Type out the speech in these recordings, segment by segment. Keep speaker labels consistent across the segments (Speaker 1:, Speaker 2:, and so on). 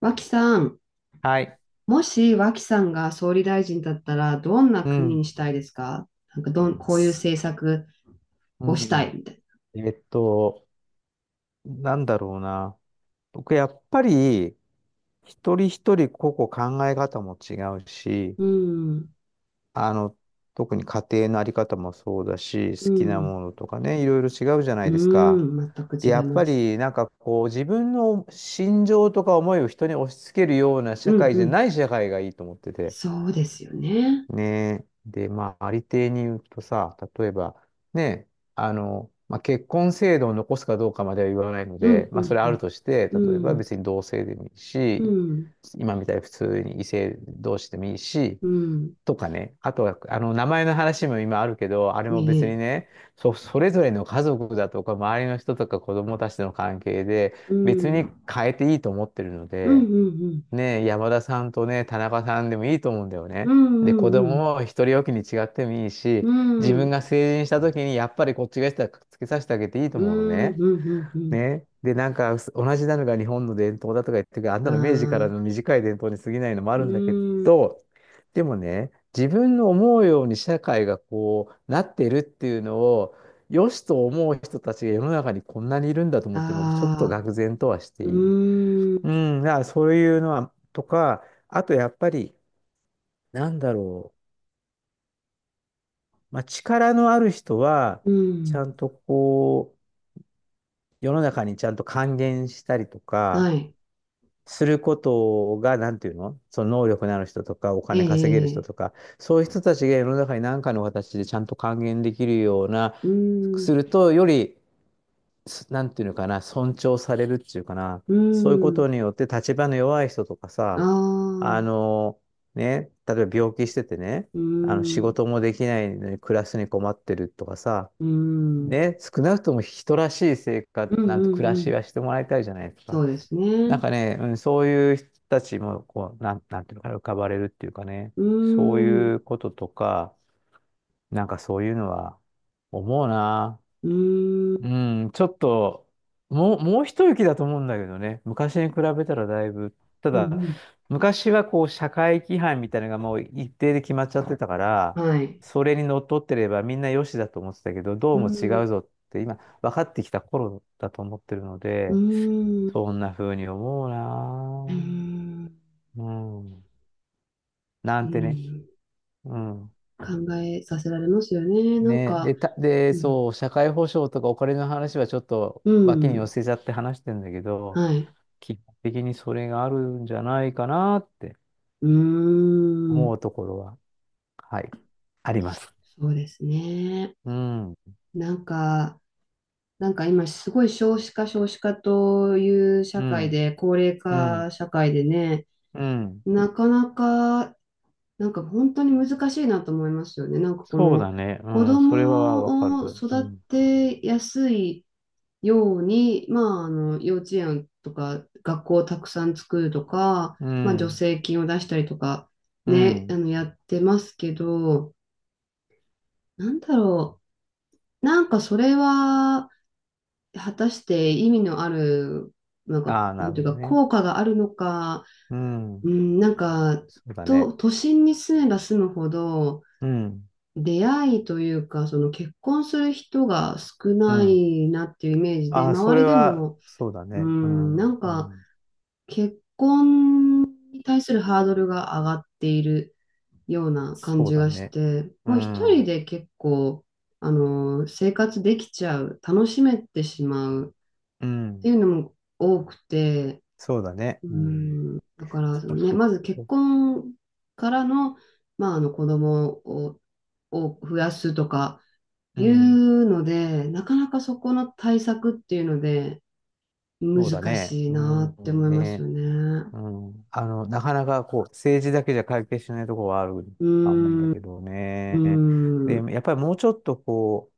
Speaker 1: 脇さん、
Speaker 2: はい。
Speaker 1: もし脇さんが総理大臣だったら、どんな
Speaker 2: う
Speaker 1: 国
Speaker 2: ん。
Speaker 1: にしたいですか？なんかどん、こういう政策
Speaker 2: う
Speaker 1: をした
Speaker 2: ん。
Speaker 1: いみたい
Speaker 2: えっと、なんだろうな。僕、やっぱり、一人一人個々考え方も違うし、
Speaker 1: な。うん、
Speaker 2: あの、特に家庭のあり方もそうだし、
Speaker 1: う
Speaker 2: 好きな
Speaker 1: ん、
Speaker 2: ものとかね、いろいろ違うじゃな
Speaker 1: う
Speaker 2: いですか。
Speaker 1: ん、全く
Speaker 2: で、
Speaker 1: 違
Speaker 2: や
Speaker 1: い
Speaker 2: っ
Speaker 1: ま
Speaker 2: ぱ
Speaker 1: す。
Speaker 2: り、なんかこう、自分の心情とか思いを人に押し付けるような
Speaker 1: う
Speaker 2: 社
Speaker 1: ん、
Speaker 2: 会
Speaker 1: う
Speaker 2: じゃ
Speaker 1: ん、
Speaker 2: ない社会がいいと思ってて。
Speaker 1: そうですよね。
Speaker 2: ねえ。で、まあ、ありていに言うとさ、例えば、ね、まあ、結婚制度を残すかどうかまでは言わないの
Speaker 1: う
Speaker 2: で、
Speaker 1: ん、う
Speaker 2: まあ、それある
Speaker 1: ん、
Speaker 2: として、
Speaker 1: う
Speaker 2: 例えば
Speaker 1: ん、
Speaker 2: 別に同性でもいい
Speaker 1: う
Speaker 2: し、
Speaker 1: ん、
Speaker 2: 今みたいに普通に異性同士でもいいし、
Speaker 1: うん、
Speaker 2: とかね。あとは、名前の話も今あるけど、あれ
Speaker 1: うん、
Speaker 2: も
Speaker 1: え
Speaker 2: 別に
Speaker 1: え、
Speaker 2: ね、それぞれの家族だとか、周りの人とか子供たちとの関係で、
Speaker 1: う
Speaker 2: 別
Speaker 1: ん、う
Speaker 2: に
Speaker 1: ん、
Speaker 2: 変えていいと思ってるの
Speaker 1: う
Speaker 2: で、
Speaker 1: ん、
Speaker 2: ねえ、山田さんとね、田中さんでもいいと思うんだよ
Speaker 1: う
Speaker 2: ね。
Speaker 1: ん、
Speaker 2: で、
Speaker 1: う
Speaker 2: 子
Speaker 1: ん、うん、
Speaker 2: 供を一人おきに違ってもいいし、
Speaker 1: うん、
Speaker 2: 自
Speaker 1: う
Speaker 2: 分
Speaker 1: ん、
Speaker 2: が成人した時にやっぱりこっちがしたらくっつけさせてあげていいと
Speaker 1: う
Speaker 2: 思うの
Speaker 1: ん、
Speaker 2: ね。
Speaker 1: うん、うん、
Speaker 2: ね。で、なんか同じなのが日本の伝統だとか言ってるけど、あん
Speaker 1: う
Speaker 2: なの明治か
Speaker 1: ん、
Speaker 2: ら
Speaker 1: あ
Speaker 2: の
Speaker 1: あ、
Speaker 2: 短い伝統に過ぎないのもあ
Speaker 1: う
Speaker 2: るんだけ
Speaker 1: ん、
Speaker 2: ど、でもね、自分の思うように社会がこうなってるっていうのを、良しと思う人たちが世の中にこんなにいるんだと思って、僕ちょっと
Speaker 1: ああ、
Speaker 2: 愕然とはして
Speaker 1: う
Speaker 2: いる。
Speaker 1: ん、
Speaker 2: うん、だからそういうのは、とか、あとやっぱり、なんだろう、まあ、力のある人は、
Speaker 1: う
Speaker 2: ちゃ
Speaker 1: ん。
Speaker 2: んとこう、世の中にちゃんと還元したりとか、
Speaker 1: はい。
Speaker 2: することが、なんていうのその能力のある人とか、お
Speaker 1: ええ、
Speaker 2: 金稼げる
Speaker 1: え
Speaker 2: 人
Speaker 1: え、
Speaker 2: とか、そういう人たちが世の中に何かの形でちゃんと還元できるような、
Speaker 1: うー
Speaker 2: す
Speaker 1: ん、
Speaker 2: ると、よりなんていうのかな、尊重されるっていうかな、
Speaker 1: う
Speaker 2: そういうこ
Speaker 1: ーん、
Speaker 2: とによって立場の弱い人とか
Speaker 1: あ
Speaker 2: さ、あ
Speaker 1: あ、
Speaker 2: の、ね、例えば病気しててね、
Speaker 1: うー
Speaker 2: あの仕
Speaker 1: ん、
Speaker 2: 事もできないのに暮らすに困ってるとかさ、
Speaker 1: うーん、うん、
Speaker 2: ね、少なくとも人らしい生活、
Speaker 1: う
Speaker 2: なんて
Speaker 1: ん、
Speaker 2: 暮ら
Speaker 1: う
Speaker 2: し
Speaker 1: ん、
Speaker 2: はしてもらいたいじゃないですか。
Speaker 1: そうです
Speaker 2: なん
Speaker 1: ね。
Speaker 2: かね、うん、そういう人たちもこう、なんていうのかな、浮かばれるっていうかね、
Speaker 1: うー
Speaker 2: そう
Speaker 1: ん、
Speaker 2: いうこととか、なんかそういうのは思うな。
Speaker 1: うーん、
Speaker 2: うん、ちょっと、もう一息だと思うんだけどね。昔に比べたらだいぶ。た
Speaker 1: う
Speaker 2: だ、
Speaker 1: ん
Speaker 2: 昔はこう、社会規範みたいなのがもう一定で決まっちゃってたか
Speaker 1: う
Speaker 2: ら、
Speaker 1: ん、はい。
Speaker 2: それにのっとってればみんなよしだと思ってたけど、ど
Speaker 1: う
Speaker 2: う
Speaker 1: ー
Speaker 2: も違うぞ
Speaker 1: ん、
Speaker 2: って今、分かってきた頃だと思ってるの
Speaker 1: う
Speaker 2: で、
Speaker 1: ーん、う
Speaker 2: そんな風に思う
Speaker 1: ー
Speaker 2: な
Speaker 1: ん、
Speaker 2: ぁ。うん。な
Speaker 1: うー
Speaker 2: んてね。
Speaker 1: ん
Speaker 2: うん。
Speaker 1: 考えさせられますよね。なん
Speaker 2: ね、
Speaker 1: か、
Speaker 2: で、
Speaker 1: うん、
Speaker 2: そう、社会保障とかお金の話はちょっと
Speaker 1: う
Speaker 2: 脇に寄
Speaker 1: ん、
Speaker 2: せちゃって話してんだけど、
Speaker 1: はい。
Speaker 2: 基本的にそれがあるんじゃないかなって
Speaker 1: うー
Speaker 2: 思
Speaker 1: ん、
Speaker 2: うところは、はい、あります。
Speaker 1: そうですね。
Speaker 2: うん、
Speaker 1: なんか、なんか今すごい少子化少子化という社
Speaker 2: う
Speaker 1: 会
Speaker 2: ん、
Speaker 1: で高齢
Speaker 2: うん、
Speaker 1: 化社会でね、
Speaker 2: うん。
Speaker 1: なかなか、なんか本当に難しいなと思いますよね。なんかこ
Speaker 2: そう
Speaker 1: の
Speaker 2: だね。う
Speaker 1: 子
Speaker 2: ん、それはわかる。
Speaker 1: 供を
Speaker 2: う
Speaker 1: 育
Speaker 2: ん、
Speaker 1: てやすいように、まああの幼稚園とか学校をたくさん作るとか、
Speaker 2: う
Speaker 1: まあ助
Speaker 2: ん、
Speaker 1: 成金を出したりとか
Speaker 2: う
Speaker 1: ね、あ
Speaker 2: ん。
Speaker 1: のやってますけど、なんだろう、なんかそれは果たして意味のある、なんか、
Speaker 2: ああ、な
Speaker 1: なん
Speaker 2: る
Speaker 1: て
Speaker 2: ほ
Speaker 1: いう
Speaker 2: ど
Speaker 1: か、
Speaker 2: ね。
Speaker 1: 効果があるのか、
Speaker 2: う
Speaker 1: う
Speaker 2: ん、
Speaker 1: ん、なんか、
Speaker 2: そうだね。
Speaker 1: 都心に住めば住むほど、
Speaker 2: うん、
Speaker 1: 出会いというか、その結婚する人が少
Speaker 2: う
Speaker 1: な
Speaker 2: ん。
Speaker 1: いなっていうイメージで、
Speaker 2: ああ、そ
Speaker 1: 周
Speaker 2: れ
Speaker 1: りで
Speaker 2: は、
Speaker 1: も、
Speaker 2: そうだ
Speaker 1: う
Speaker 2: ね。う
Speaker 1: ん、な
Speaker 2: ん、
Speaker 1: ん
Speaker 2: う
Speaker 1: か、
Speaker 2: ん、
Speaker 1: 結婚に対するハードルが上がっているような感
Speaker 2: そう
Speaker 1: じ
Speaker 2: だ
Speaker 1: がし
Speaker 2: ね。
Speaker 1: て、
Speaker 2: う
Speaker 1: もう一人
Speaker 2: ん、
Speaker 1: で結構、あの、生活できちゃう、楽しめてしまう
Speaker 2: う
Speaker 1: って
Speaker 2: ん、
Speaker 1: いうのも多くて、
Speaker 2: そうだね。
Speaker 1: う
Speaker 2: うん、
Speaker 1: ん、だから、そ
Speaker 2: そ
Speaker 1: の
Speaker 2: う
Speaker 1: ね、
Speaker 2: そ
Speaker 1: まず結
Speaker 2: う。
Speaker 1: 婚からの、まあ、あの子供を、を増やすとか
Speaker 2: う
Speaker 1: い
Speaker 2: ん、
Speaker 1: うので、なかなかそこの対策っていうので、
Speaker 2: そうだ
Speaker 1: 難
Speaker 2: ね。
Speaker 1: しい
Speaker 2: う
Speaker 1: なって思
Speaker 2: ん、
Speaker 1: います
Speaker 2: ねえ
Speaker 1: よね。
Speaker 2: うん。なかなかこう、政治だけじゃ解決しないところはある
Speaker 1: うー
Speaker 2: と思うんだ
Speaker 1: ん、う
Speaker 2: けど
Speaker 1: ー
Speaker 2: ね。で、
Speaker 1: ん、う
Speaker 2: やっぱりもうちょっとこ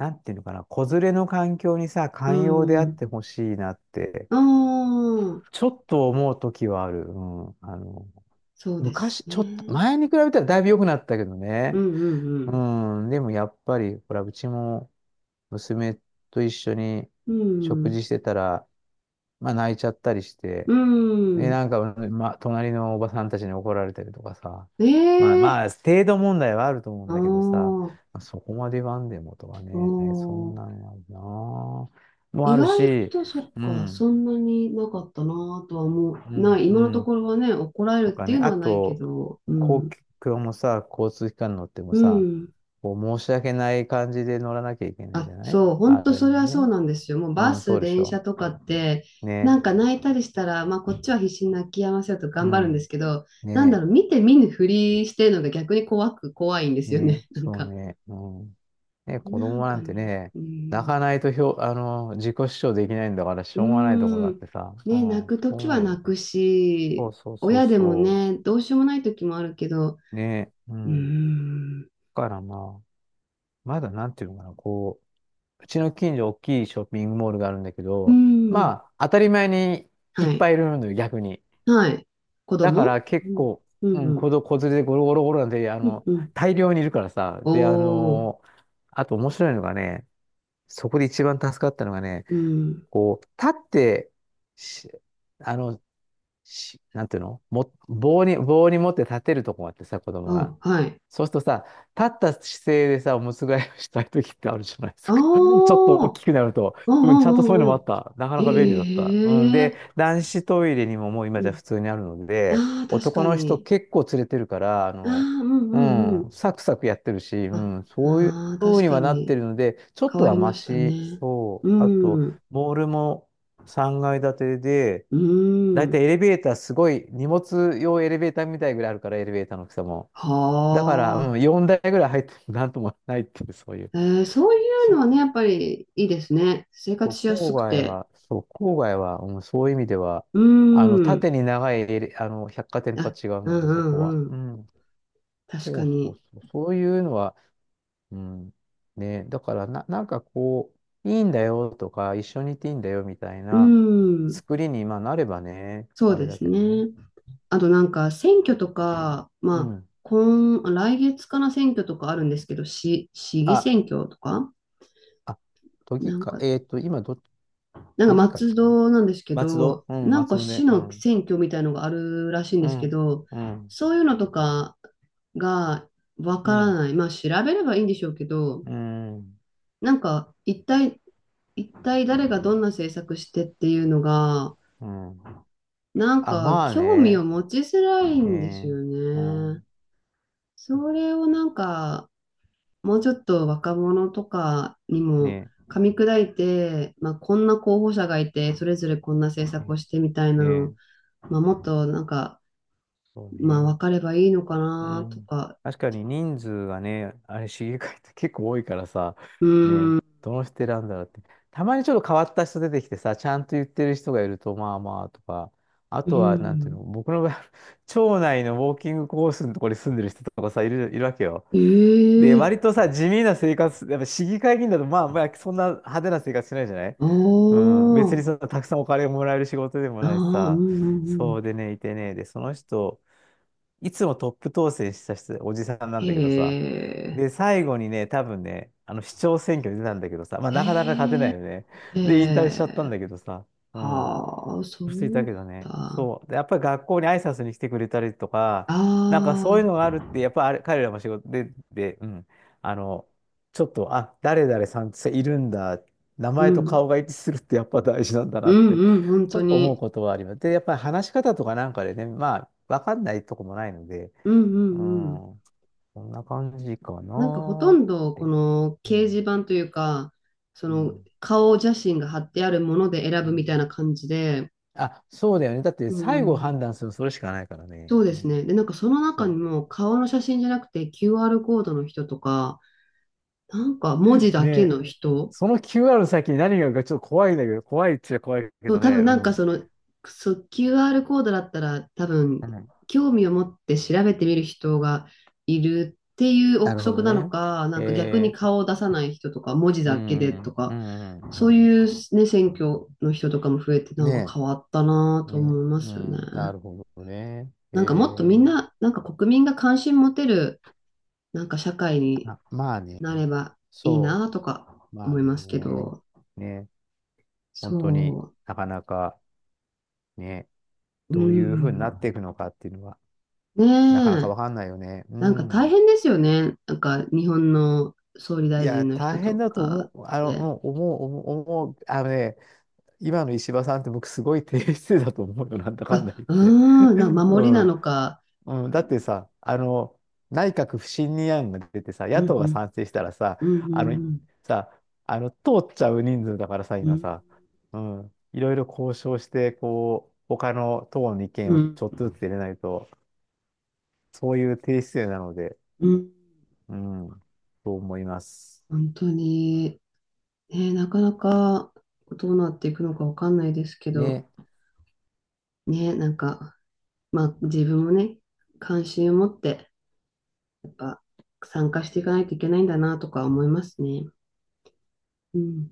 Speaker 2: う、なんていうのかな、子連れの環境にさ、
Speaker 1: ー
Speaker 2: 寛容であっ
Speaker 1: ん。
Speaker 2: てほしいなって、
Speaker 1: ああ、
Speaker 2: ちょっと思うときはある。うん。
Speaker 1: そうです
Speaker 2: 昔、ちょっと、
Speaker 1: ね。
Speaker 2: 前に比べたらだいぶ良くなったけど
Speaker 1: うん
Speaker 2: ね。
Speaker 1: う
Speaker 2: う
Speaker 1: ん
Speaker 2: ん。でもやっぱり、ほら、うちも娘と一緒に
Speaker 1: う
Speaker 2: 食
Speaker 1: ん。
Speaker 2: 事してたら、まあ泣いちゃったりして、
Speaker 1: うん、う
Speaker 2: で、
Speaker 1: ん。
Speaker 2: なんか、ま、隣のおばさんたちに怒られたりとかさ。まあ
Speaker 1: ええ
Speaker 2: まあ、程度問題はあると思うん
Speaker 1: ー、ああ、
Speaker 2: だけどさ、
Speaker 1: お
Speaker 2: まあそこまで言わんでもとかね、そんな
Speaker 1: ー、
Speaker 2: んはなあ、も
Speaker 1: 意
Speaker 2: ある
Speaker 1: 外
Speaker 2: し、
Speaker 1: とそっ
Speaker 2: う
Speaker 1: か、そ
Speaker 2: ん、
Speaker 1: んなになかったなぁとは思う。
Speaker 2: う
Speaker 1: な
Speaker 2: ん、
Speaker 1: い、
Speaker 2: う
Speaker 1: 今のとこ
Speaker 2: ん、
Speaker 1: ろはね、怒られ
Speaker 2: と
Speaker 1: るっ
Speaker 2: か
Speaker 1: てい
Speaker 2: ね、
Speaker 1: うの
Speaker 2: あ
Speaker 1: はないけ
Speaker 2: と、
Speaker 1: ど、う
Speaker 2: 公
Speaker 1: ん。
Speaker 2: 共もさ、交通機関乗っても
Speaker 1: う
Speaker 2: さ、
Speaker 1: ん。
Speaker 2: こう申し訳ない感じで乗らなきゃいけないじ
Speaker 1: あ、
Speaker 2: ゃない
Speaker 1: そう、
Speaker 2: あ
Speaker 1: 本当
Speaker 2: る意
Speaker 1: そ
Speaker 2: 味
Speaker 1: れはそう
Speaker 2: ね。
Speaker 1: なんですよ。もう
Speaker 2: う
Speaker 1: バ
Speaker 2: ん、そ
Speaker 1: ス、
Speaker 2: うでし
Speaker 1: 電車
Speaker 2: ょ。
Speaker 1: とかって、な
Speaker 2: ね、
Speaker 1: んか泣いたりしたら、まあこっちは必死に泣き止ませようと
Speaker 2: う
Speaker 1: 頑張るんで
Speaker 2: ん、
Speaker 1: すけど、なんだ
Speaker 2: ね
Speaker 1: ろう、見て見ぬふりしてるのが逆に怖く、怖いんですよね。
Speaker 2: ね、
Speaker 1: なん
Speaker 2: そう
Speaker 1: か、
Speaker 2: ね、うん。ね、子
Speaker 1: なん
Speaker 2: 供な
Speaker 1: か
Speaker 2: んて
Speaker 1: ね、
Speaker 2: ね、
Speaker 1: う
Speaker 2: 泣
Speaker 1: ん。
Speaker 2: かないとひょ、あの、自己主張できないんだから、し
Speaker 1: うー
Speaker 2: ょうがないところだっ
Speaker 1: ん。
Speaker 2: てさ、うん、
Speaker 1: ね、泣
Speaker 2: そ
Speaker 1: くと
Speaker 2: う
Speaker 1: き
Speaker 2: 思
Speaker 1: は
Speaker 2: うよ。
Speaker 1: 泣く
Speaker 2: そ
Speaker 1: し、
Speaker 2: うそうそう
Speaker 1: 親でも
Speaker 2: そ
Speaker 1: ね、どうしようもないときもあるけど、
Speaker 2: う。ね、う
Speaker 1: うー
Speaker 2: ん。だ
Speaker 1: ん。
Speaker 2: からまあ、まだなんていうのかな、こう、うちの近所大きいショッピングモールがあるんだけ
Speaker 1: う
Speaker 2: ど、
Speaker 1: ん。
Speaker 2: まあ、当たり前にい
Speaker 1: は
Speaker 2: っぱ
Speaker 1: い。
Speaker 2: いいるのよ、逆に。
Speaker 1: はい。子
Speaker 2: だか
Speaker 1: 供
Speaker 2: ら
Speaker 1: う
Speaker 2: 結
Speaker 1: ん。
Speaker 2: 構、
Speaker 1: う
Speaker 2: う
Speaker 1: ん。
Speaker 2: ん、
Speaker 1: うん。
Speaker 2: 子連れでゴロゴロゴロなんて、
Speaker 1: うんうん。
Speaker 2: 大量にいるからさ、
Speaker 1: お
Speaker 2: で、あ
Speaker 1: お。
Speaker 2: の、あと面白いのがね、そこで一番助かったのがね、
Speaker 1: うん。
Speaker 2: こう、立ってし、あの、し、なんていうのも、棒に持って立てるとこがあってさ、子供が。
Speaker 1: あ、はい。
Speaker 2: そうするとさ、立った姿勢でさ、おむつ替えをしたい時ってあるじゃないで
Speaker 1: あ
Speaker 2: す
Speaker 1: あ。
Speaker 2: か。ちょっと大
Speaker 1: おー
Speaker 2: きくなると、
Speaker 1: お
Speaker 2: うん、ちゃんとそういうのも
Speaker 1: ーおー
Speaker 2: あっ
Speaker 1: お
Speaker 2: た。なか
Speaker 1: ー。
Speaker 2: なか便利だった。うん、
Speaker 1: へ
Speaker 2: で、
Speaker 1: え。
Speaker 2: 男子トイレにももう今
Speaker 1: う
Speaker 2: じゃ
Speaker 1: ん。
Speaker 2: 普通にあるので、
Speaker 1: ああ、確
Speaker 2: 男
Speaker 1: か
Speaker 2: の人
Speaker 1: に。
Speaker 2: 結構連れてるから、
Speaker 1: ああ、うんう
Speaker 2: う
Speaker 1: んうんう
Speaker 2: ん、
Speaker 1: ん、
Speaker 2: サクサクやってるし、う
Speaker 1: おー
Speaker 2: ん、
Speaker 1: うん
Speaker 2: そういう
Speaker 1: あ、ああ、
Speaker 2: 風
Speaker 1: 確
Speaker 2: に
Speaker 1: か
Speaker 2: はなって
Speaker 1: に。
Speaker 2: るので、ちょっ
Speaker 1: 変
Speaker 2: と
Speaker 1: わ
Speaker 2: は
Speaker 1: り
Speaker 2: マ
Speaker 1: ました
Speaker 2: シ、
Speaker 1: ね。
Speaker 2: そう。
Speaker 1: う
Speaker 2: あと、
Speaker 1: ん。
Speaker 2: モールも3階建てで、
Speaker 1: う
Speaker 2: だいた
Speaker 1: ん。
Speaker 2: いエレベーターすごい、荷物用エレベーターみたいぐらいあるから、エレベーターの大きさも。だから、
Speaker 1: は
Speaker 2: うん、
Speaker 1: あ。
Speaker 2: 4台ぐらい入ってもなんともないっていう、そういう。
Speaker 1: えー、そういうのはね、
Speaker 2: そ
Speaker 1: やっ
Speaker 2: う、
Speaker 1: ぱりいいですね。生
Speaker 2: そう
Speaker 1: 活しや
Speaker 2: 郊
Speaker 1: すく
Speaker 2: 外
Speaker 1: て。
Speaker 2: は、そう、郊外は、うん、そういう意味では、
Speaker 1: うん。
Speaker 2: 縦に長い、百貨店とは
Speaker 1: あ、
Speaker 2: 違う
Speaker 1: う
Speaker 2: の
Speaker 1: ん
Speaker 2: で、
Speaker 1: う
Speaker 2: そこは。
Speaker 1: んう
Speaker 2: う
Speaker 1: ん。
Speaker 2: ん。
Speaker 1: 確
Speaker 2: そ
Speaker 1: か
Speaker 2: うそう
Speaker 1: に。
Speaker 2: そう。そういうのは、うん。ね、だからな、なんかこう、いいんだよとか、一緒にいていいんだよみたい
Speaker 1: う
Speaker 2: な
Speaker 1: ん。
Speaker 2: 作りに、まあ、なればね、
Speaker 1: そう
Speaker 2: あれ
Speaker 1: で
Speaker 2: だ
Speaker 1: す
Speaker 2: けどね。
Speaker 1: ね。あとなんか選挙とか、
Speaker 2: う
Speaker 1: まあ、
Speaker 2: ん。
Speaker 1: 今、来月かな、選挙とかあるんですけど、市議
Speaker 2: あ、
Speaker 1: 選挙とか、
Speaker 2: あ、都議
Speaker 1: なん
Speaker 2: 会、
Speaker 1: か、なんか
Speaker 2: 都議会
Speaker 1: 松
Speaker 2: かな、
Speaker 1: 戸なんですけ
Speaker 2: 松
Speaker 1: ど、
Speaker 2: 戸うん、
Speaker 1: なん
Speaker 2: 松
Speaker 1: か
Speaker 2: 戸ね。
Speaker 1: 市
Speaker 2: う
Speaker 1: の
Speaker 2: ん。
Speaker 1: 選挙みたいのがあるらしいんで
Speaker 2: う
Speaker 1: すけ
Speaker 2: ん、
Speaker 1: ど、
Speaker 2: うん、
Speaker 1: そういうのとかがわ
Speaker 2: う
Speaker 1: から
Speaker 2: ん、
Speaker 1: ない。まあ調べればいいんでしょうけど、
Speaker 2: うん、
Speaker 1: なんか一体、一体誰がどんな政策してっていうのが、
Speaker 2: うん。
Speaker 1: なん
Speaker 2: あ、
Speaker 1: か
Speaker 2: まあ
Speaker 1: 興味を
Speaker 2: ね。
Speaker 1: 持ちづらいんです
Speaker 2: ね
Speaker 1: よ
Speaker 2: う
Speaker 1: ね。
Speaker 2: ん。
Speaker 1: それをなんかもうちょっと若者とかにも
Speaker 2: ね
Speaker 1: 噛み砕いて、まあ、こんな候補者がいてそれぞれこんな政策
Speaker 2: ね
Speaker 1: をしてみたいな
Speaker 2: ね
Speaker 1: の、まあ、もっとなんか、
Speaker 2: そう
Speaker 1: まあ、
Speaker 2: ね。
Speaker 1: 分かればいいのか
Speaker 2: う
Speaker 1: なと
Speaker 2: ん。
Speaker 1: か。
Speaker 2: 確かに人数がね、あれ、市議会って 結構多いからさ、
Speaker 1: う
Speaker 2: ね、
Speaker 1: ーん。
Speaker 2: どの人選んだらって。たまにちょっと変わった人出てきてさ、ちゃんと言ってる人がいると、まあまあとか、あ
Speaker 1: う
Speaker 2: とは、なんていうの、
Speaker 1: ん。
Speaker 2: 僕の場合、町内のウォーキングコースのところに住んでる人とかさ、いるわけよ。で、
Speaker 1: ええ
Speaker 2: 割とさ、地味な生活、やっぱ市議会議員だと、まあ、そんな派手な生活しないじゃない。
Speaker 1: あ
Speaker 2: うん、別に
Speaker 1: あ。
Speaker 2: そんなたくさんお金をもらえる仕事でも
Speaker 1: あー
Speaker 2: ないし
Speaker 1: う
Speaker 2: さ、
Speaker 1: んうんう
Speaker 2: そ
Speaker 1: ん。
Speaker 2: うでね、いてね、で、その人、いつもトップ当選した人、おじさんなんだけどさ、
Speaker 1: へえ。
Speaker 2: で、最後にね、多分ね、市長選挙に出たんだけどさ、まあ、
Speaker 1: へ
Speaker 2: なかなか勝てな
Speaker 1: え。
Speaker 2: いよね。
Speaker 1: へ
Speaker 2: で、引退しちゃったん
Speaker 1: え。
Speaker 2: だけどさ、うん。
Speaker 1: はあ、そう
Speaker 2: してい
Speaker 1: な
Speaker 2: たけ
Speaker 1: ん
Speaker 2: どね。
Speaker 1: だ。
Speaker 2: そう。で、やっぱり学校に挨拶に来てくれたりとか、なんかそういう
Speaker 1: あ
Speaker 2: のが
Speaker 1: あ、
Speaker 2: あるって、やっぱあれ、彼らも仕事で、で、うん。あの、ちょっと、あ、誰々さんっているんだ。名
Speaker 1: う
Speaker 2: 前と
Speaker 1: ん。
Speaker 2: 顔が一致するってやっぱ大事なんだ
Speaker 1: う
Speaker 2: なっ
Speaker 1: ん
Speaker 2: て、
Speaker 1: うん、本
Speaker 2: ちょ
Speaker 1: 当
Speaker 2: っと思う
Speaker 1: に。
Speaker 2: ことはあります。で、やっぱり話し方とかなんかでね、まあ、わかんないとこもないので、
Speaker 1: うんう
Speaker 2: う
Speaker 1: んうん。
Speaker 2: ん、こんな感じかな
Speaker 1: なんかほと
Speaker 2: ーっ
Speaker 1: んどこ
Speaker 2: て。
Speaker 1: の
Speaker 2: う
Speaker 1: 掲示
Speaker 2: ん。
Speaker 1: 板というか、そ
Speaker 2: う
Speaker 1: の
Speaker 2: ん、
Speaker 1: 顔写真が貼ってあるもので選
Speaker 2: う
Speaker 1: ぶみ
Speaker 2: ん、
Speaker 1: たいな感じで、
Speaker 2: あ、そうだよね。だって
Speaker 1: う
Speaker 2: 最後
Speaker 1: ん、
Speaker 2: 判断するのそれしかないからね。
Speaker 1: そうで
Speaker 2: う
Speaker 1: す
Speaker 2: ん、
Speaker 1: ね。で、なんかその中
Speaker 2: そ
Speaker 1: に
Speaker 2: う。
Speaker 1: も顔の写真じゃなくて QR コードの人とか、なんか文字だけ
Speaker 2: ね、
Speaker 1: の人。
Speaker 2: その QR の先に何があるかちょっと怖いんだけど、怖いっちゃ怖いけ
Speaker 1: そう、
Speaker 2: どね、
Speaker 1: 多分
Speaker 2: う
Speaker 1: なん
Speaker 2: ん。
Speaker 1: か
Speaker 2: う
Speaker 1: その、そう QR コードだったら多分
Speaker 2: ん、
Speaker 1: 興味を持って調べてみる人がいるっていう
Speaker 2: な
Speaker 1: 憶
Speaker 2: るほ
Speaker 1: 測
Speaker 2: ど
Speaker 1: なの
Speaker 2: ね。
Speaker 1: か、なんか逆に
Speaker 2: えー、
Speaker 1: 顔を出さない人とか、文字
Speaker 2: う
Speaker 1: だけでと
Speaker 2: ん、う
Speaker 1: か、
Speaker 2: ん、うん、う
Speaker 1: そう
Speaker 2: ん。
Speaker 1: いうね、選挙の人とかも増えてなんか
Speaker 2: ね
Speaker 1: 変わったなぁ
Speaker 2: え、
Speaker 1: と
Speaker 2: ね
Speaker 1: 思いま
Speaker 2: え、う
Speaker 1: すよね。
Speaker 2: ん、なるほどね。
Speaker 1: なんかもっとみんな、なんか国民が関心持てる、なんか社会に
Speaker 2: あ、まあね、
Speaker 1: なればいい
Speaker 2: そ
Speaker 1: なぁとか
Speaker 2: う、まあ
Speaker 1: 思いますけ
Speaker 2: ね、
Speaker 1: ど、
Speaker 2: ね、本当に
Speaker 1: そ
Speaker 2: なかなかね、
Speaker 1: う、う
Speaker 2: どういうふうになって
Speaker 1: ん。
Speaker 2: いくのかっていうのは、
Speaker 1: ね
Speaker 2: なかなか
Speaker 1: え。
Speaker 2: わかんないよね。う
Speaker 1: なんか大
Speaker 2: ん。
Speaker 1: 変ですよね。なんか日本の総理
Speaker 2: い
Speaker 1: 大
Speaker 2: や、
Speaker 1: 臣の
Speaker 2: 大
Speaker 1: 人と
Speaker 2: 変だと
Speaker 1: か
Speaker 2: 思
Speaker 1: っ
Speaker 2: う、
Speaker 1: て。
Speaker 2: 思う、思う、思う、あのね、今の石破さんって僕すごい低姿勢だと思うよ、なんだかんだ
Speaker 1: あ、
Speaker 2: 言っ
Speaker 1: あ
Speaker 2: て。
Speaker 1: ー、なんか 守り
Speaker 2: う
Speaker 1: な
Speaker 2: ん。
Speaker 1: のか。
Speaker 2: うん、だってさ、内閣不信任案が出てさ、
Speaker 1: う
Speaker 2: 野
Speaker 1: ん
Speaker 2: 党
Speaker 1: う
Speaker 2: が
Speaker 1: ん。
Speaker 2: 賛成したらさ、
Speaker 1: う
Speaker 2: あの、
Speaker 1: んうん
Speaker 2: さ、通っちゃう人数だからさ、
Speaker 1: う
Speaker 2: 今
Speaker 1: ん。
Speaker 2: さ、うん、いろいろ交渉して、こう、他の党の意
Speaker 1: う
Speaker 2: 見をち
Speaker 1: ん。
Speaker 2: ょっとずつ入れないと、そういう低姿勢なので、
Speaker 1: うん。
Speaker 2: うん、と思います。
Speaker 1: 本当に。ね、なかなかどうなっていくのかわかんないですけど。
Speaker 2: ね。
Speaker 1: ね、なんか、まあ自分もね、関心を持って、やっぱ参加していかないといけないんだなとか思いますね。うん。